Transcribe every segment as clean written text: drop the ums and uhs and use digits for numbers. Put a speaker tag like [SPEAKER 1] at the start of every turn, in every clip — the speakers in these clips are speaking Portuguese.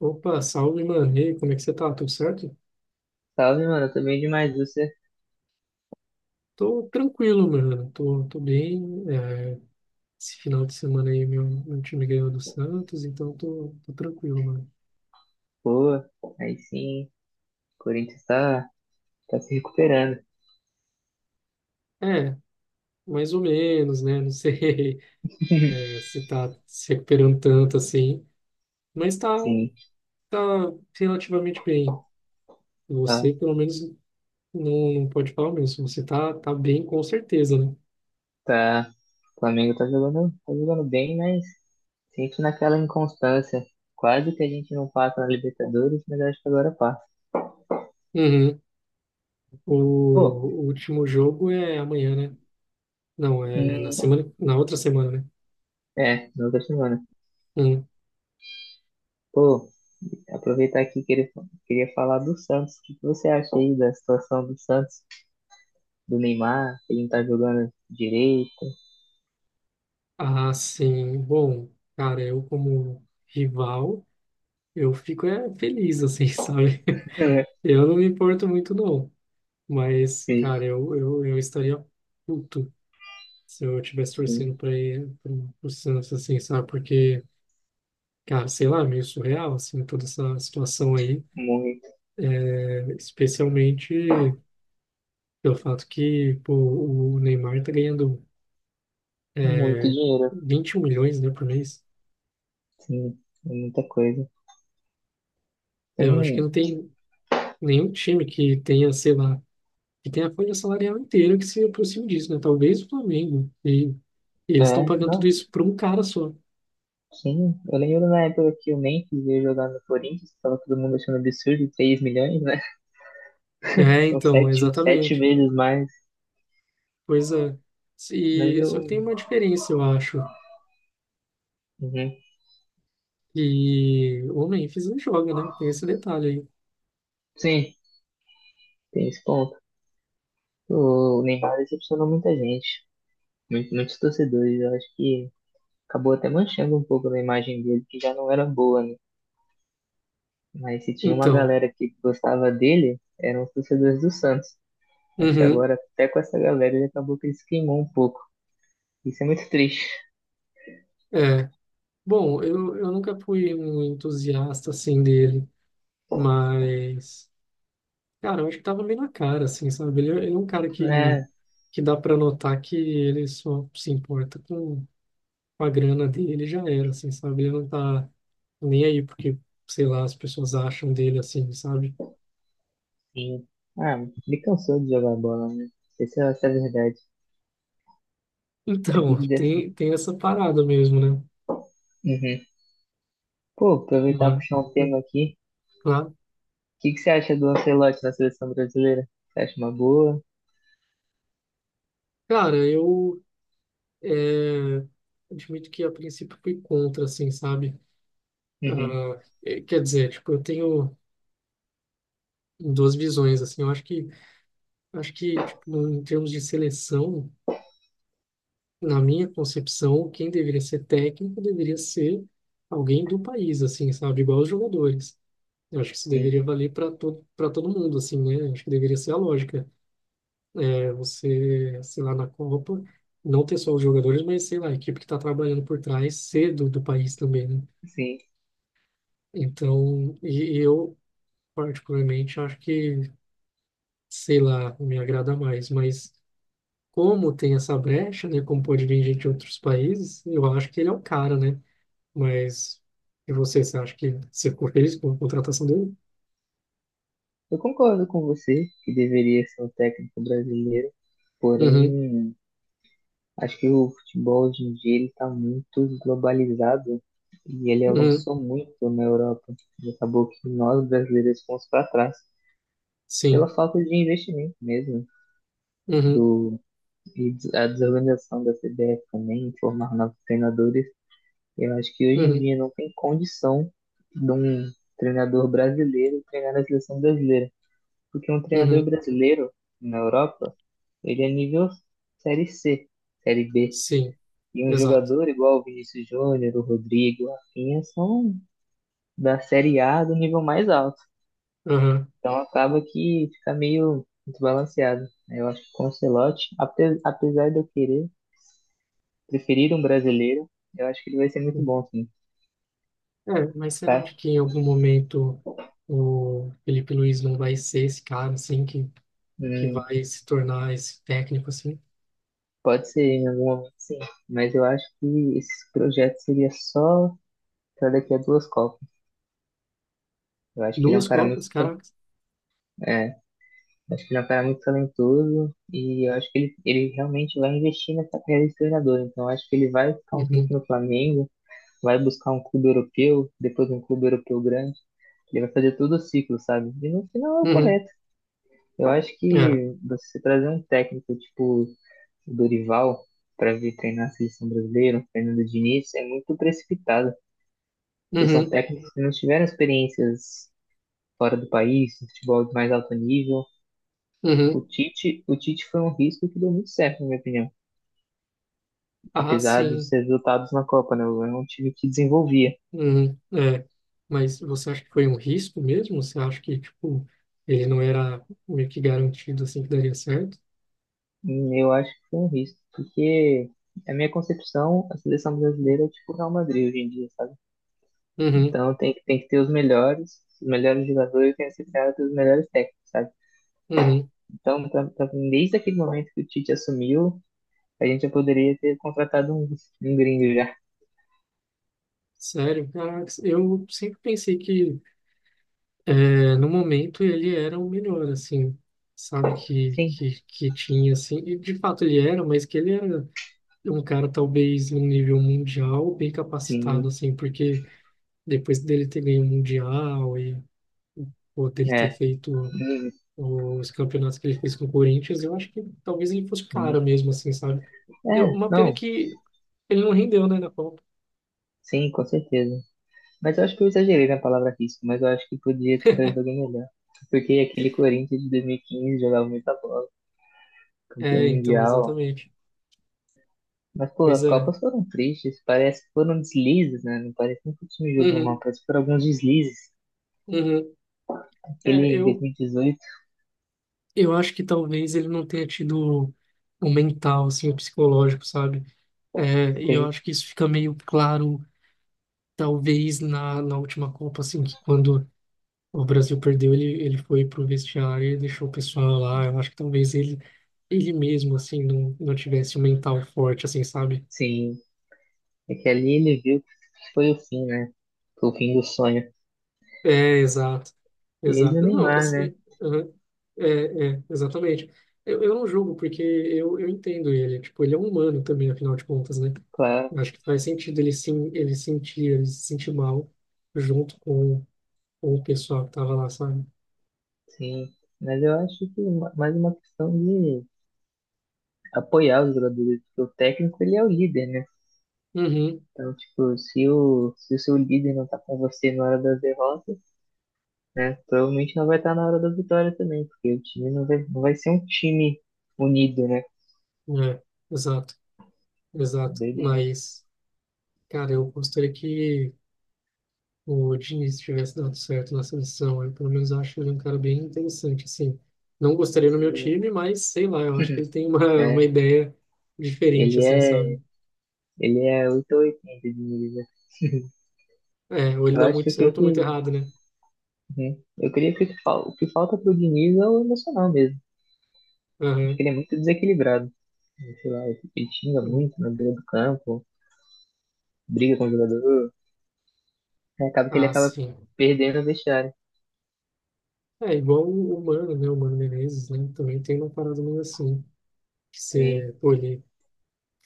[SPEAKER 1] Opa, salve, mano. E aí, como é que você tá? Tudo certo?
[SPEAKER 2] Salve, mano. Eu tô bem demais. Você?
[SPEAKER 1] Tô tranquilo, mano. Tô bem. É, esse final de semana aí, meu time ganhou do Santos, então tô tranquilo, mano.
[SPEAKER 2] Boa. Aí sim. O Corinthians tá se recuperando.
[SPEAKER 1] É, mais ou menos, né? Não sei é, se tá se recuperando tanto assim, mas tá,
[SPEAKER 2] Sim.
[SPEAKER 1] tá relativamente bem.
[SPEAKER 2] Tá,
[SPEAKER 1] Você, pelo menos, não pode falar o mesmo. Você tá bem, com certeza, né?
[SPEAKER 2] tá. O Flamengo tá jogando bem, mas sinto naquela inconstância. Quase que a gente não passa na Libertadores, mas acho que agora passa.
[SPEAKER 1] Uhum. O,
[SPEAKER 2] Pô,
[SPEAKER 1] o último jogo é amanhã, né? Não, é na
[SPEAKER 2] hum,
[SPEAKER 1] semana, na outra semana, né?
[SPEAKER 2] é, na outra semana.
[SPEAKER 1] Hum.
[SPEAKER 2] Pô, aproveitar aqui que ele queria falar do Santos. O que que você acha aí da situação do Santos, do Neymar, que ele não tá jogando direito?
[SPEAKER 1] Ah, sim. Bom, cara, eu como rival, eu fico feliz, assim, sabe? Eu não me importo muito, não. Mas,
[SPEAKER 2] Sim,
[SPEAKER 1] cara, eu estaria puto se eu estivesse
[SPEAKER 2] sim,
[SPEAKER 1] torcendo para o Santos, assim, sabe? Porque, cara, sei lá, é meio surreal, assim, toda essa situação aí.
[SPEAKER 2] muito,
[SPEAKER 1] Especialmente pelo fato que, pô, o Neymar tá ganhando
[SPEAKER 2] muito dinheiro.
[SPEAKER 1] 21 milhões, né, por mês.
[SPEAKER 2] Sim, é muita coisa.
[SPEAKER 1] É, eu acho que
[SPEAKER 2] Tem,
[SPEAKER 1] não tem nenhum time que tenha, sei lá, e tem a folha salarial inteira que se aproxima disso, né? Talvez o Flamengo. E eles estão
[SPEAKER 2] é,
[SPEAKER 1] pagando tudo
[SPEAKER 2] não,
[SPEAKER 1] isso para um cara só.
[SPEAKER 2] sim. Eu lembro na época que o Memphis veio jogar no Corinthians, tava todo mundo achando absurdo, 3 milhões, né?
[SPEAKER 1] É,
[SPEAKER 2] São
[SPEAKER 1] então,
[SPEAKER 2] sete
[SPEAKER 1] exatamente.
[SPEAKER 2] vezes mais.
[SPEAKER 1] Pois é.
[SPEAKER 2] Mas
[SPEAKER 1] E,
[SPEAKER 2] eu,
[SPEAKER 1] só que tem uma diferença, eu acho.
[SPEAKER 2] uhum.
[SPEAKER 1] E o Memphis não joga, né? Tem esse detalhe aí.
[SPEAKER 2] Sim, tem esse ponto. O Neymar decepcionou muita gente, muitos torcedores. Eu acho que acabou até manchando um pouco da imagem dele, que já não era boa, né? Mas se tinha uma
[SPEAKER 1] Então,
[SPEAKER 2] galera que gostava dele, eram os torcedores do Santos. Acho que
[SPEAKER 1] uhum,
[SPEAKER 2] agora, até com essa galera, ele acabou que ele se queimou um pouco. Isso é muito triste,
[SPEAKER 1] é. Bom, eu nunca fui um entusiasta, assim, dele. Mas, cara, eu acho que tava meio na cara, assim, sabe? Ele é um cara que,
[SPEAKER 2] né?
[SPEAKER 1] que dá para notar que ele só se importa com a grana dele já era, assim, sabe? Ele não tá nem aí porque, sei lá, as pessoas acham dele assim, sabe?
[SPEAKER 2] Sim. Ah, me cansou de jogar bola, né? Não sei se essa é a verdade. É
[SPEAKER 1] Então,
[SPEAKER 2] duro dessa.
[SPEAKER 1] tem essa parada mesmo, né?
[SPEAKER 2] Uhum. Pô, aproveitar e
[SPEAKER 1] Mas,
[SPEAKER 2] puxar um
[SPEAKER 1] hum,
[SPEAKER 2] tema aqui.
[SPEAKER 1] claro.
[SPEAKER 2] O que que você acha do Ancelotti na seleção brasileira? Você acha uma boa?
[SPEAKER 1] Cara, eu é, admito que a princípio fui contra, assim, sabe?
[SPEAKER 2] Uhum.
[SPEAKER 1] Ah, é, quer dizer, tipo, eu tenho duas visões, assim. Eu acho que, tipo, em termos de seleção, na minha concepção, quem deveria ser técnico deveria ser alguém do país, assim, sabe? Igual os jogadores. Eu acho que isso
[SPEAKER 2] Sim,
[SPEAKER 1] deveria valer para todo mundo, assim, né? Acho que deveria ser a lógica. É, você, sei lá, na Copa, não ter só os jogadores, mas, sei lá, a equipe que está trabalhando por trás cedo do país também, né?
[SPEAKER 2] sim.
[SPEAKER 1] Então, e eu, particularmente, acho que, sei lá, me agrada mais. Mas como tem essa brecha, né? Como pode vir gente de outros países, eu acho que ele é o cara, né? Mas, e você acha que você ficou feliz com a contratação dele?
[SPEAKER 2] Eu concordo com você que deveria ser um técnico brasileiro,
[SPEAKER 1] Uhum,
[SPEAKER 2] porém, acho que o futebol hoje em dia ele está muito globalizado e ele
[SPEAKER 1] uhum,
[SPEAKER 2] avançou muito na Europa. E acabou que nós brasileiros fomos para trás. Pela
[SPEAKER 1] sim,
[SPEAKER 2] falta de investimento mesmo
[SPEAKER 1] uhum,
[SPEAKER 2] do a desorganização da CBF também, em formar novos treinadores. Eu acho que hoje em
[SPEAKER 1] uhum,
[SPEAKER 2] dia não tem condição de um treinador brasileiro treinar a seleção brasileira, porque um treinador
[SPEAKER 1] uhum.
[SPEAKER 2] brasileiro na Europa, ele é nível série C, série B.
[SPEAKER 1] Sim,
[SPEAKER 2] E um
[SPEAKER 1] exato.
[SPEAKER 2] jogador igual o Vinícius Júnior, o Rodrigo, o Rafinha são da série A do nível mais alto.
[SPEAKER 1] Aham.
[SPEAKER 2] Então acaba que fica meio desbalanceado, né? Eu acho que com o Ancelotti, apesar de eu querer preferir um brasileiro, eu acho que ele vai ser muito bom, sim.
[SPEAKER 1] É, mas você não
[SPEAKER 2] Cara,
[SPEAKER 1] acha que em algum momento o Felipe Luiz não vai ser esse cara, assim, que
[SPEAKER 2] hum,
[SPEAKER 1] vai se tornar esse técnico, assim?
[SPEAKER 2] pode ser em algum momento, sim. Mas eu acho que esse projeto seria só para daqui a duas Copas. Eu acho que ele é um
[SPEAKER 1] Duas
[SPEAKER 2] cara
[SPEAKER 1] Copas, caraca.
[SPEAKER 2] é, acho que ele é um cara muito talentoso e eu acho que ele realmente vai investir nessa carreira de treinador. Então eu acho que ele vai ficar um tempo
[SPEAKER 1] Uhum,
[SPEAKER 2] no Flamengo, vai buscar um clube europeu, depois um clube europeu grande. Ele vai fazer todo o ciclo, sabe? E no final é o
[SPEAKER 1] uhum,
[SPEAKER 2] correto. Eu acho
[SPEAKER 1] é,
[SPEAKER 2] que você trazer um técnico tipo o Dorival para vir treinar a seleção brasileira, o Fernando Diniz, é muito precipitado. Porque são
[SPEAKER 1] uhum,
[SPEAKER 2] técnicos que não tiveram experiências fora do país, no futebol de mais alto nível.
[SPEAKER 1] uhum.
[SPEAKER 2] O Tite foi um risco que deu muito certo, na minha opinião.
[SPEAKER 1] Ah,
[SPEAKER 2] Apesar dos
[SPEAKER 1] sim,
[SPEAKER 2] resultados na Copa, né? É um time que desenvolvia.
[SPEAKER 1] uhum, é. Mas você acha que foi um risco mesmo? Você acha que, tipo, ele não era meio que garantido, assim, que daria certo?
[SPEAKER 2] Eu acho que foi um risco, porque a minha concepção, a seleção brasileira é tipo o Real Madrid hoje em dia, sabe?
[SPEAKER 1] Uhum,
[SPEAKER 2] Então tem que ter os melhores jogadores, tem que ser cara dos melhores técnicos, sabe?
[SPEAKER 1] uhum.
[SPEAKER 2] Então, mim, desde aquele momento que o Tite assumiu, a gente já poderia ter contratado um gringo já.
[SPEAKER 1] Sério, caraca, eu sempre pensei que é, no momento ele era o melhor, assim, sabe, que,
[SPEAKER 2] Sim,
[SPEAKER 1] que, que tinha, assim, e de fato ele era, mas que ele era um cara talvez num nível mundial bem capacitado,
[SPEAKER 2] sim,
[SPEAKER 1] assim, porque depois dele ter ganho o Mundial e ou dele ter
[SPEAKER 2] é.
[SPEAKER 1] feito
[SPEAKER 2] Hum,
[SPEAKER 1] os campeonatos que ele fez com o Corinthians, eu acho que talvez ele fosse o
[SPEAKER 2] hum.
[SPEAKER 1] cara mesmo, assim, sabe?
[SPEAKER 2] É,
[SPEAKER 1] Uma pena
[SPEAKER 2] não,
[SPEAKER 1] que ele não rendeu, né, na Copa.
[SPEAKER 2] sim, com certeza. Mas eu acho que eu exagerei na palavra risco, mas eu acho que podia ter trazido alguém melhor. Porque aquele Corinthians de 2015 jogava muita bola. Campeão
[SPEAKER 1] É, então,
[SPEAKER 2] mundial.
[SPEAKER 1] exatamente.
[SPEAKER 2] Mas, pô,
[SPEAKER 1] Pois
[SPEAKER 2] as
[SPEAKER 1] é.
[SPEAKER 2] Copas foram tristes. Parece que foram deslizes, né? Não parece nem que o time jogou mal.
[SPEAKER 1] Uhum,
[SPEAKER 2] Parece que foram alguns deslizes.
[SPEAKER 1] uhum.
[SPEAKER 2] Aquele
[SPEAKER 1] É,
[SPEAKER 2] em
[SPEAKER 1] eu,
[SPEAKER 2] 2018,
[SPEAKER 1] Eu acho que talvez ele não tenha tido o mental, assim, o psicológico, sabe? É, e eu
[SPEAKER 2] que,
[SPEAKER 1] acho que isso fica meio claro, talvez, na última Copa, assim, que quando o Brasil perdeu, ele foi pro vestiário e deixou o pessoal lá. Eu acho que talvez ele, ele mesmo, assim, não tivesse o mental forte, assim, sabe?
[SPEAKER 2] sim, é que ali ele viu que foi o fim, né? Foi o fim do sonho.
[SPEAKER 1] É, exato,
[SPEAKER 2] Ele e o
[SPEAKER 1] exato. Não,
[SPEAKER 2] Neymar, né?
[SPEAKER 1] assim, aham, é, exatamente. Eu não julgo, porque eu entendo ele. Tipo, ele é um humano também, afinal de contas, né? Eu
[SPEAKER 2] Claro,
[SPEAKER 1] acho que faz sentido ele sim, ele se sentir mal junto com o pessoal que tava lá, sabe?
[SPEAKER 2] sim. Mas eu acho que mais uma questão de apoiar os jogadores. Porque o técnico, ele é o líder, né?
[SPEAKER 1] Uhum,
[SPEAKER 2] Então, tipo, se o seu líder não tá com você na hora das derrotas, né? Provavelmente não vai estar na hora da vitória também, porque o time não vai ser um time unido, né?
[SPEAKER 1] é, exato, exato.
[SPEAKER 2] Doideira.
[SPEAKER 1] Mas, cara, eu gostaria que o Diniz tivesse dado certo na seleção. Eu, pelo menos, acho ele é um cara bem interessante, assim. Não gostaria no meu
[SPEAKER 2] Sim.
[SPEAKER 1] time, mas sei lá, eu acho que ele tem uma
[SPEAKER 2] É,
[SPEAKER 1] ideia diferente,
[SPEAKER 2] ele
[SPEAKER 1] assim, sabe?
[SPEAKER 2] é, ele é oito ou oitenta de Diniz, né?
[SPEAKER 1] É, ou ele
[SPEAKER 2] Eu
[SPEAKER 1] dá
[SPEAKER 2] acho
[SPEAKER 1] muito
[SPEAKER 2] que o
[SPEAKER 1] certo ou muito
[SPEAKER 2] que,
[SPEAKER 1] errado, né?
[SPEAKER 2] uhum. Eu queria que o que falta pro Diniz é o emocional mesmo. Acho que
[SPEAKER 1] Aham.
[SPEAKER 2] ele é muito desequilibrado. Sei lá, ele xinga muito na beira do campo, briga com o jogador. Aí acaba que ele
[SPEAKER 1] Ah,
[SPEAKER 2] acaba
[SPEAKER 1] sim.
[SPEAKER 2] perdendo o vestiário.
[SPEAKER 1] É igual o Mano, né? O Mano Menezes, né? Também tem uma parada meio assim, que
[SPEAKER 2] Tem,
[SPEAKER 1] você, pô, ele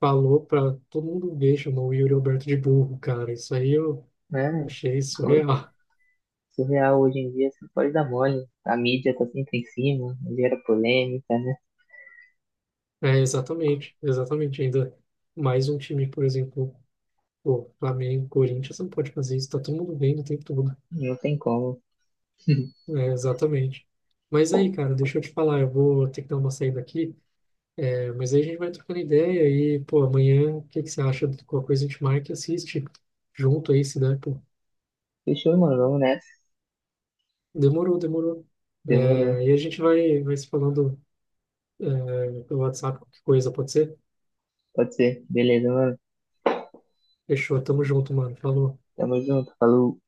[SPEAKER 1] falou pra todo mundo ver, chamou o Yuri Alberto de burro, cara. Isso aí eu
[SPEAKER 2] né?
[SPEAKER 1] achei surreal.
[SPEAKER 2] Surreal hoje em dia, você não pode dar mole. A mídia tá sempre em cima, gera polêmica, né?
[SPEAKER 1] É, exatamente, exatamente. Ainda mais um time, por exemplo, o Flamengo, Corinthians, não pode fazer isso, tá todo mundo vendo o tempo todo.
[SPEAKER 2] Não tem como.
[SPEAKER 1] É, exatamente. Mas aí, cara, deixa eu te falar, eu vou ter que dar uma saída aqui, mas aí a gente vai trocando ideia e, pô, amanhã, o que que você acha de qualquer coisa a gente marca e assiste junto aí, se der, pô.
[SPEAKER 2] Fechou, mano, vamos nessa.
[SPEAKER 1] Demorou, demorou.
[SPEAKER 2] Demorou.
[SPEAKER 1] É, e a gente vai se falando, pelo WhatsApp, qualquer coisa, pode ser?
[SPEAKER 2] Pode ser. Beleza, mano.
[SPEAKER 1] Fechou, tamo junto, mano. Falou.
[SPEAKER 2] Tamo junto. Falou.